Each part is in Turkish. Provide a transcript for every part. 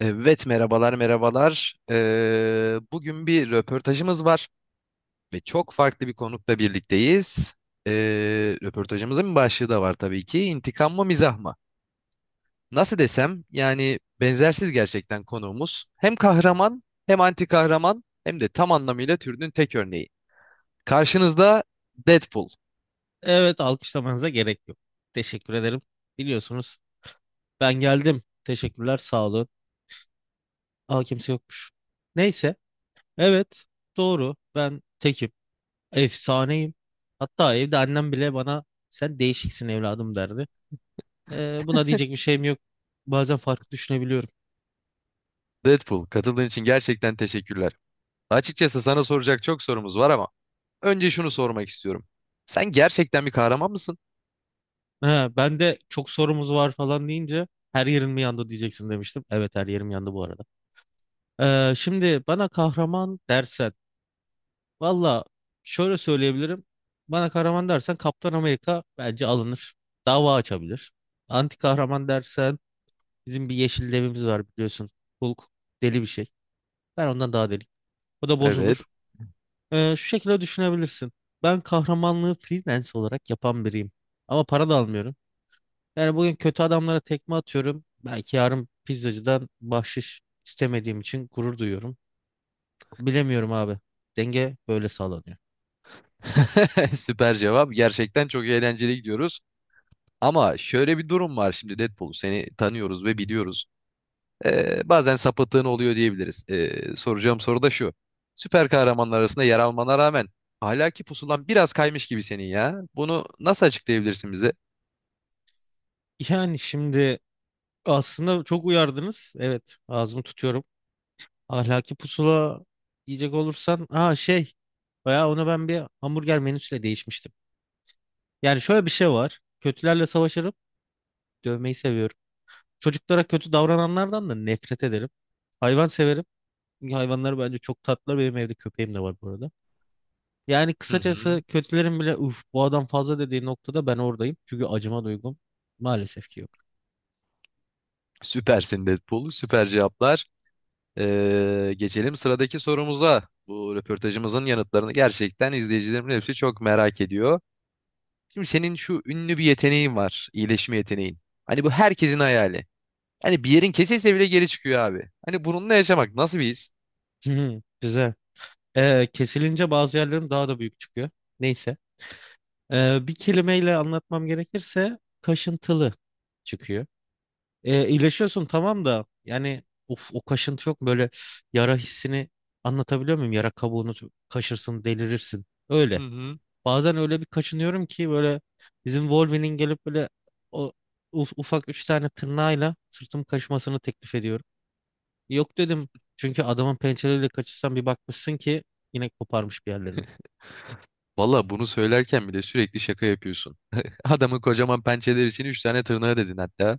Evet, merhabalar merhabalar. Bugün bir röportajımız var ve çok farklı bir konukla birlikteyiz. Röportajımızın bir başlığı da var tabii ki. İntikam mı, mizah mı? Nasıl desem, yani benzersiz gerçekten konuğumuz. Hem kahraman, hem anti kahraman, hem de tam anlamıyla türünün tek örneği. Karşınızda Deadpool. Evet, alkışlamanıza gerek yok. Teşekkür ederim. Biliyorsunuz ben geldim. Teşekkürler, sağ olun. Aa kimse yokmuş. Neyse, evet doğru. Ben tekim. Efsaneyim. Hatta evde annem bile bana sen değişiksin evladım derdi. Buna diyecek bir şeyim yok. Bazen farklı düşünebiliyorum. Deadpool, katıldığın için gerçekten teşekkürler. Açıkçası sana soracak çok sorumuz var ama önce şunu sormak istiyorum. Sen gerçekten bir kahraman mısın? He, ben de çok sorumuz var falan deyince her yerin mi yandı diyeceksin demiştim. Evet her yerim yandı bu arada. Şimdi bana kahraman dersen valla şöyle söyleyebilirim. Bana kahraman dersen Kaptan Amerika bence alınır. Dava açabilir. Anti kahraman dersen bizim bir yeşil devimiz var biliyorsun. Hulk deli bir şey. Ben ondan daha deli. O da Evet. bozulur. Şu şekilde düşünebilirsin. Ben kahramanlığı freelance olarak yapan biriyim. Ama para da almıyorum. Yani bugün kötü adamlara tekme atıyorum. Belki yarın pizzacıdan bahşiş istemediğim için gurur duyuyorum. Bilemiyorum abi. Denge böyle sağlanıyor. Süper cevap. Gerçekten çok eğlenceli gidiyoruz. Ama şöyle bir durum var şimdi Deadpool. Seni tanıyoruz ve biliyoruz. Bazen sapıttığın oluyor diyebiliriz. Soracağım soru da şu. Süper kahramanlar arasında yer almana rağmen ahlaki pusulan biraz kaymış gibi senin ya. Bunu nasıl açıklayabilirsin bize? Yani şimdi, aslında çok uyardınız. Evet, ağzımı tutuyorum. Ahlaki pusula yiyecek olursan, bayağı ona ben bir hamburger menüsüyle değişmiştim. Yani şöyle bir şey var. Kötülerle savaşırım, dövmeyi seviyorum. Çocuklara kötü davrananlardan da nefret ederim. Hayvan severim. Çünkü hayvanlar bence çok tatlılar. Benim evde köpeğim de var bu arada. Yani Hı kısacası hı. kötülerin bile uf bu adam fazla dediği noktada ben oradayım. Çünkü acıma duygum maalesef ki yok. Süpersin Deadpool. Süper cevaplar. Geçelim sıradaki sorumuza. Bu röportajımızın yanıtlarını gerçekten izleyicilerimin hepsi çok merak ediyor. Şimdi senin şu ünlü bir yeteneğin var. İyileşme yeteneğin. Hani bu herkesin hayali. Hani bir yerin kesilse bile geri çıkıyor abi. Hani bununla yaşamak nasıl bir his? Güzel. Kesilince bazı yerlerim daha da büyük çıkıyor. Neyse. Bir kelimeyle anlatmam gerekirse kaşıntılı çıkıyor. İyileşiyorsun tamam da yani of o kaşıntı yok mu? Böyle yara hissini anlatabiliyor muyum? Yara kabuğunu kaşırsın delirirsin. Hı Öyle. hı. Bazen öyle bir kaşınıyorum ki böyle bizim Wolverine'in gelip böyle o ufak üç tane tırnağıyla sırtım kaşımasını teklif ediyorum. Yok dedim çünkü adamın pençeleriyle kaşırsan bir bakmışsın ki yine koparmış bir yerlerini. Valla bunu söylerken bile sürekli şaka yapıyorsun. Adamın kocaman pençeleri için 3 tane tırnağı dedin hatta.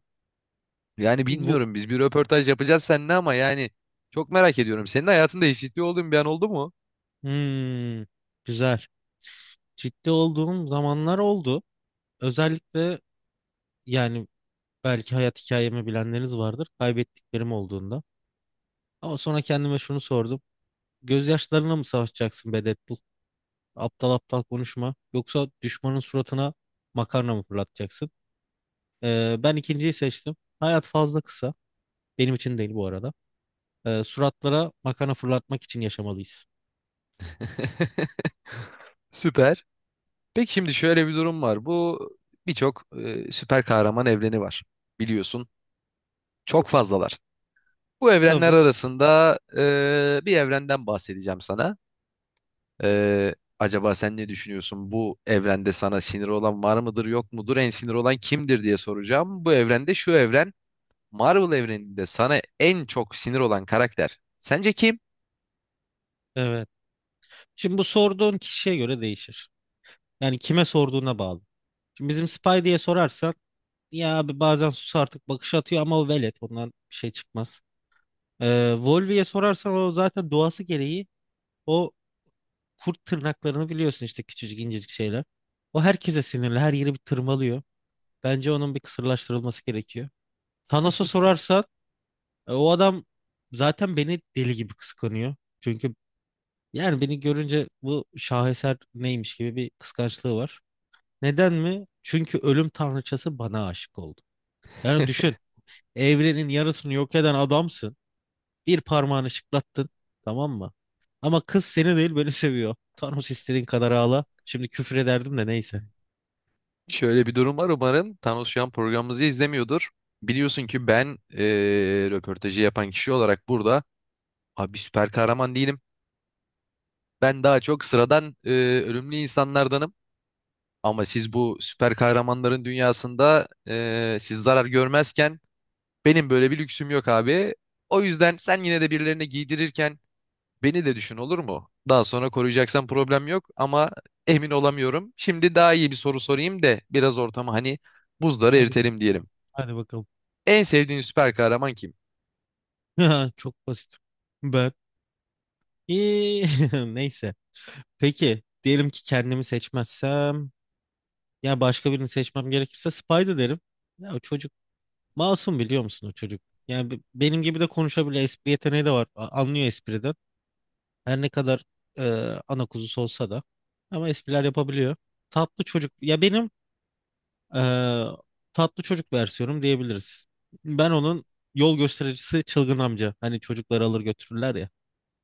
Yani bilmiyorum, biz bir röportaj yapacağız seninle ama yani çok merak ediyorum. Senin hayatında eşitliği olduğun bir an oldu mu? Hmm, güzel. Ciddi olduğum zamanlar oldu. Özellikle yani belki hayat hikayemi bilenleriniz vardır. Kaybettiklerim olduğunda. Ama sonra kendime şunu sordum. Gözyaşlarına mı savaşacaksın be Deadpool? Aptal aptal konuşma. Yoksa düşmanın suratına makarna mı fırlatacaksın? Ben ikinciyi seçtim. Hayat fazla kısa. Benim için değil bu arada. Suratlara makarna fırlatmak için yaşamalıyız. Süper. Peki şimdi şöyle bir durum var. Bu birçok süper kahraman evreni var. Biliyorsun. Çok fazlalar. Bu evrenler Tabii. arasında bir evrenden bahsedeceğim sana. Acaba sen ne düşünüyorsun? Bu evrende sana sinir olan var mıdır, yok mudur? En sinir olan kimdir diye soracağım. Bu evrende, şu evren, Marvel evreninde sana en çok sinir olan karakter. Sence kim? Evet. Şimdi bu sorduğun kişiye göre değişir. Yani kime sorduğuna bağlı. Şimdi bizim Spy diye sorarsan ya abi bazen sus artık bakış atıyor ama o velet ondan bir şey çıkmaz. Volvi'ye sorarsan o zaten doğası gereği o kurt tırnaklarını biliyorsun işte küçücük incecik şeyler. O herkese sinirli her yeri bir tırmalıyor. Bence onun bir kısırlaştırılması gerekiyor. Thanos'a sorarsan o adam zaten beni deli gibi kıskanıyor. Çünkü yani beni görünce bu şaheser neymiş gibi bir kıskançlığı var. Neden mi? Çünkü ölüm tanrıçası bana aşık oldu. Yani düşün. Evrenin yarısını yok eden adamsın. Bir parmağını şıklattın. Tamam mı? Ama kız seni değil beni seviyor. Thanos istediğin kadar ağla. Şimdi küfür ederdim de neyse. Şöyle bir durum var umarım. Thanos şu an programımızı izlemiyordur. Biliyorsun ki ben röportajı yapan kişi olarak burada abi süper kahraman değilim. Ben daha çok sıradan ölümlü insanlardanım. Ama siz bu süper kahramanların dünyasında, siz zarar görmezken benim böyle bir lüksüm yok abi. O yüzden sen yine de birilerine giydirirken beni de düşün, olur mu? Daha sonra koruyacaksan problem yok ama emin olamıyorum. Şimdi daha iyi bir soru sorayım da biraz ortamı, hani buzları Hadi eritelim bakalım. diyelim. Hadi bakalım. En sevdiğin süper kahraman kim? Çok basit. Ben. İyi, neyse. Peki. Diyelim ki kendimi seçmezsem. Ya başka birini seçmem gerekirse Spider derim. Ya o çocuk masum biliyor musun o çocuk? Yani benim gibi de konuşabiliyor. Espri yeteneği de var. Anlıyor espriden. Her ne kadar e, ana kuzusu olsa da. Ama espriler yapabiliyor. Tatlı çocuk. Ya benim e, tatlı çocuk versiyonum diyebiliriz. Ben onun yol göstericisi çılgın amca. Hani çocukları alır götürürler ya.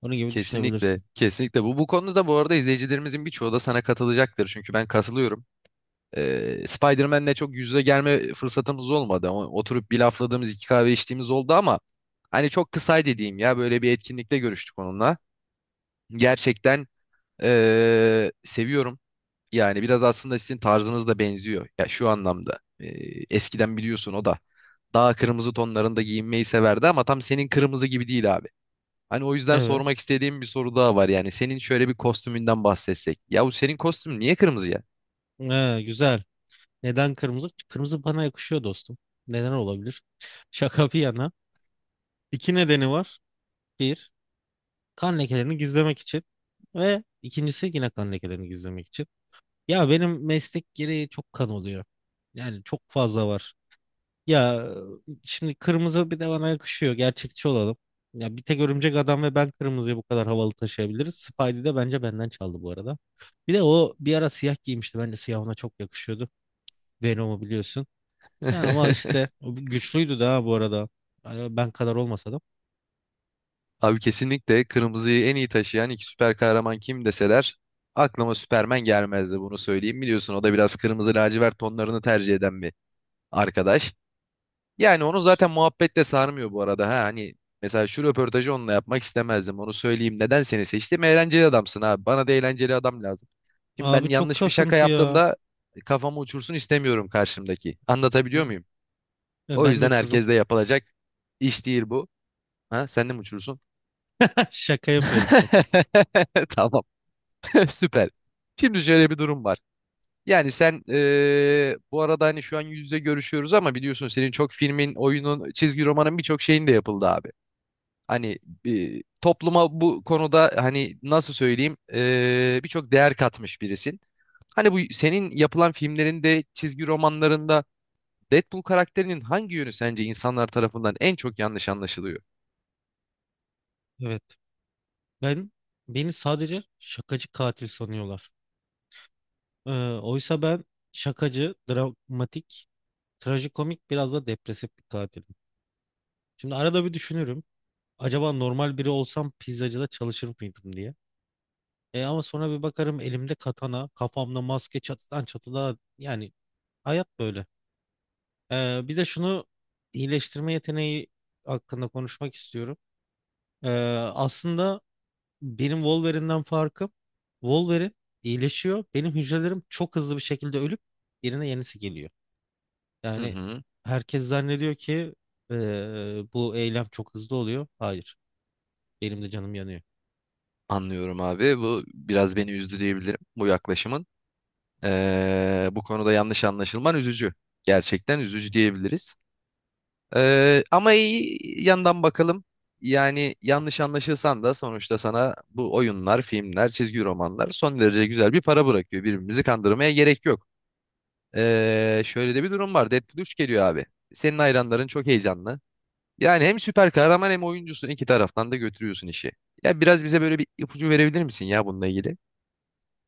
Onun gibi Kesinlikle, düşünebilirsin. kesinlikle bu. Bu konuda bu arada izleyicilerimizin birçoğu da sana katılacaktır. Çünkü ben katılıyorum. Spider-Man'le çok yüz yüze gelme fırsatımız olmadı. Oturup bir lafladığımız, iki kahve içtiğimiz oldu ama hani çok kısaydı diyeyim ya. Böyle bir etkinlikte görüştük onunla. Gerçekten seviyorum. Yani biraz aslında sizin tarzınız da benziyor. Ya şu anlamda. Eskiden biliyorsun o da daha kırmızı tonlarında giyinmeyi severdi ama tam senin kırmızı gibi değil abi. Hani o yüzden Evet. sormak istediğim bir soru daha var. Yani senin şöyle bir kostümünden bahsetsek. Ya bu senin kostüm niye kırmızı ya? Güzel. Neden kırmızı? Kırmızı bana yakışıyor dostum. Neden olabilir? Şaka bir yana. İki nedeni var. Bir, kan lekelerini gizlemek için. Ve ikincisi yine kan lekelerini gizlemek için. Ya benim meslek gereği çok kan oluyor. Yani çok fazla var. Ya şimdi kırmızı bir de bana yakışıyor. Gerçekçi olalım. Ya bir tek Örümcek Adam ve ben kırmızıyı bu kadar havalı taşıyabiliriz. Spidey de bence benden çaldı bu arada. Bir de o bir ara siyah giymişti. Bence siyah ona çok yakışıyordu. Venom'u biliyorsun. Ya ama işte o güçlüydü daha bu arada. Ay, ben kadar olmasa da. Abi kesinlikle kırmızıyı en iyi taşıyan iki süper kahraman kim deseler aklıma Superman gelmezdi, bunu söyleyeyim. Biliyorsun o da biraz kırmızı lacivert tonlarını tercih eden bir arkadaş. Yani onu zaten muhabbetle sarmıyor bu arada. Ha, hani mesela şu röportajı onunla yapmak istemezdim, onu söyleyeyim. Neden seni seçtim? Eğlenceli adamsın abi. Bana da eğlenceli adam lazım. Şimdi ben Abi çok yanlış bir şaka kasıntı ya. yaptığımda kafamı uçursun istemiyorum karşımdaki. Anlatabiliyor Hı. muyum? Ya O ben de yüzden uçururum. herkes yapılacak iş değil bu. Ha, sen de mi uçursun? Şaka yapıyorum şaka. Tamam. Süper. Şimdi şöyle bir durum var. Yani sen, bu arada hani şu an yüz yüze görüşüyoruz ama biliyorsun senin çok filmin, oyunun, çizgi romanın, birçok şeyin de yapıldı abi. Hani topluma bu konuda hani nasıl söyleyeyim birçok değer katmış birisin. Hani bu senin yapılan filmlerinde, çizgi romanlarında Deadpool karakterinin hangi yönü sence insanlar tarafından en çok yanlış anlaşılıyor? Evet. Ben beni sadece şakacı katil sanıyorlar. Ee, Oysa ben şakacı, dramatik, trajikomik biraz da depresif bir katilim. Şimdi arada bir düşünürüm. Acaba normal biri olsam pizzacıda çalışır mıydım diye. E ama sonra bir bakarım elimde katana, kafamda maske çatıdan çatıda yani hayat böyle. Bir de şunu iyileştirme yeteneği hakkında konuşmak istiyorum. Ee, Aslında benim Wolverine'den farkım, Wolverine iyileşiyor. Benim hücrelerim çok hızlı bir şekilde ölüp yerine yenisi geliyor. Hı Yani hı, herkes zannediyor ki bu eylem çok hızlı oluyor. Hayır. Benim de canım yanıyor. anlıyorum abi. Bu biraz beni üzdü diyebilirim bu yaklaşımın. Bu konuda yanlış anlaşılman üzücü. Gerçekten üzücü diyebiliriz. Ama iyi yandan bakalım. Yani yanlış anlaşılsan da sonuçta sana bu oyunlar, filmler, çizgi romanlar son derece güzel bir para bırakıyor. Birbirimizi kandırmaya gerek yok. Şöyle de bir durum var. Deadpool 3 geliyor abi. Senin hayranların çok heyecanlı. Yani hem süper kahraman, hem oyuncusun. İki taraftan da götürüyorsun işi. Ya biraz bize böyle bir ipucu verebilir misin ya bununla ilgili?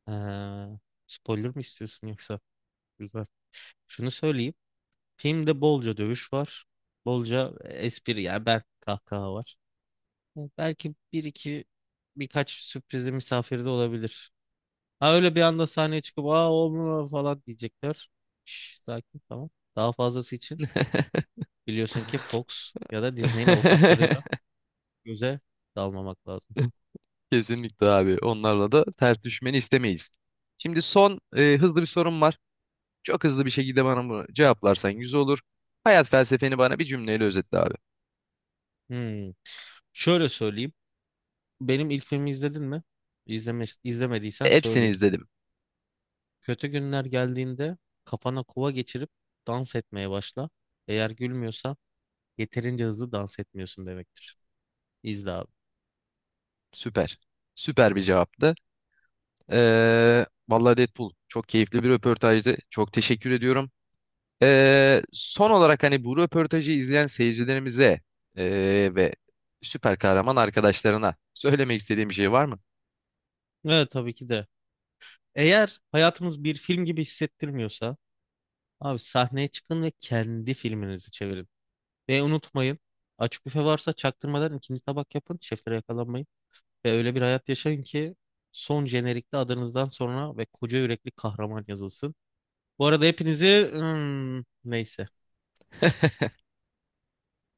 Ha, spoiler mı istiyorsun yoksa? Güzel. Şunu söyleyeyim. Filmde bolca dövüş var. Bolca espri yani ben kahkaha var. Belki bir iki birkaç sürprizi misafirde olabilir. Ha öyle bir anda sahneye çıkıp aa o mu?" falan diyecekler. Şş, sakin tamam. Daha fazlası için biliyorsun ki Fox ya da Disney'in avukatlarıyla göze dalmamak lazım. Kesinlikle abi. Onlarla da ters düşmeni istemeyiz. Şimdi son hızlı bir sorum var. Çok hızlı bir şekilde bana bunu cevaplarsan yüz olur. Hayat felsefeni bana bir cümleyle özetle abi. Hmm. Şöyle söyleyeyim. Benim ilk filmi izledin mi? İzleme, E, izlemediysen hepsini söyleyeyim. izledim. Kötü günler geldiğinde kafana kova geçirip dans etmeye başla. Eğer gülmüyorsa yeterince hızlı dans etmiyorsun demektir. İzle abi. Süper. Süper bir cevaptı. Vallahi Deadpool çok keyifli bir röportajdı. Çok teşekkür ediyorum. Son olarak hani bu röportajı izleyen seyircilerimize ve süper kahraman arkadaşlarına söylemek istediğim bir şey var mı? Evet tabii ki de. Eğer hayatınız bir film gibi hissettirmiyorsa abi sahneye çıkın ve kendi filminizi çevirin. Ve unutmayın açık büfe varsa çaktırmadan ikinci tabak yapın. Şeflere yakalanmayın. Ve öyle bir hayat yaşayın ki son jenerikte adınızdan sonra ve koca yürekli kahraman yazılsın. Bu arada hepinizi neyse.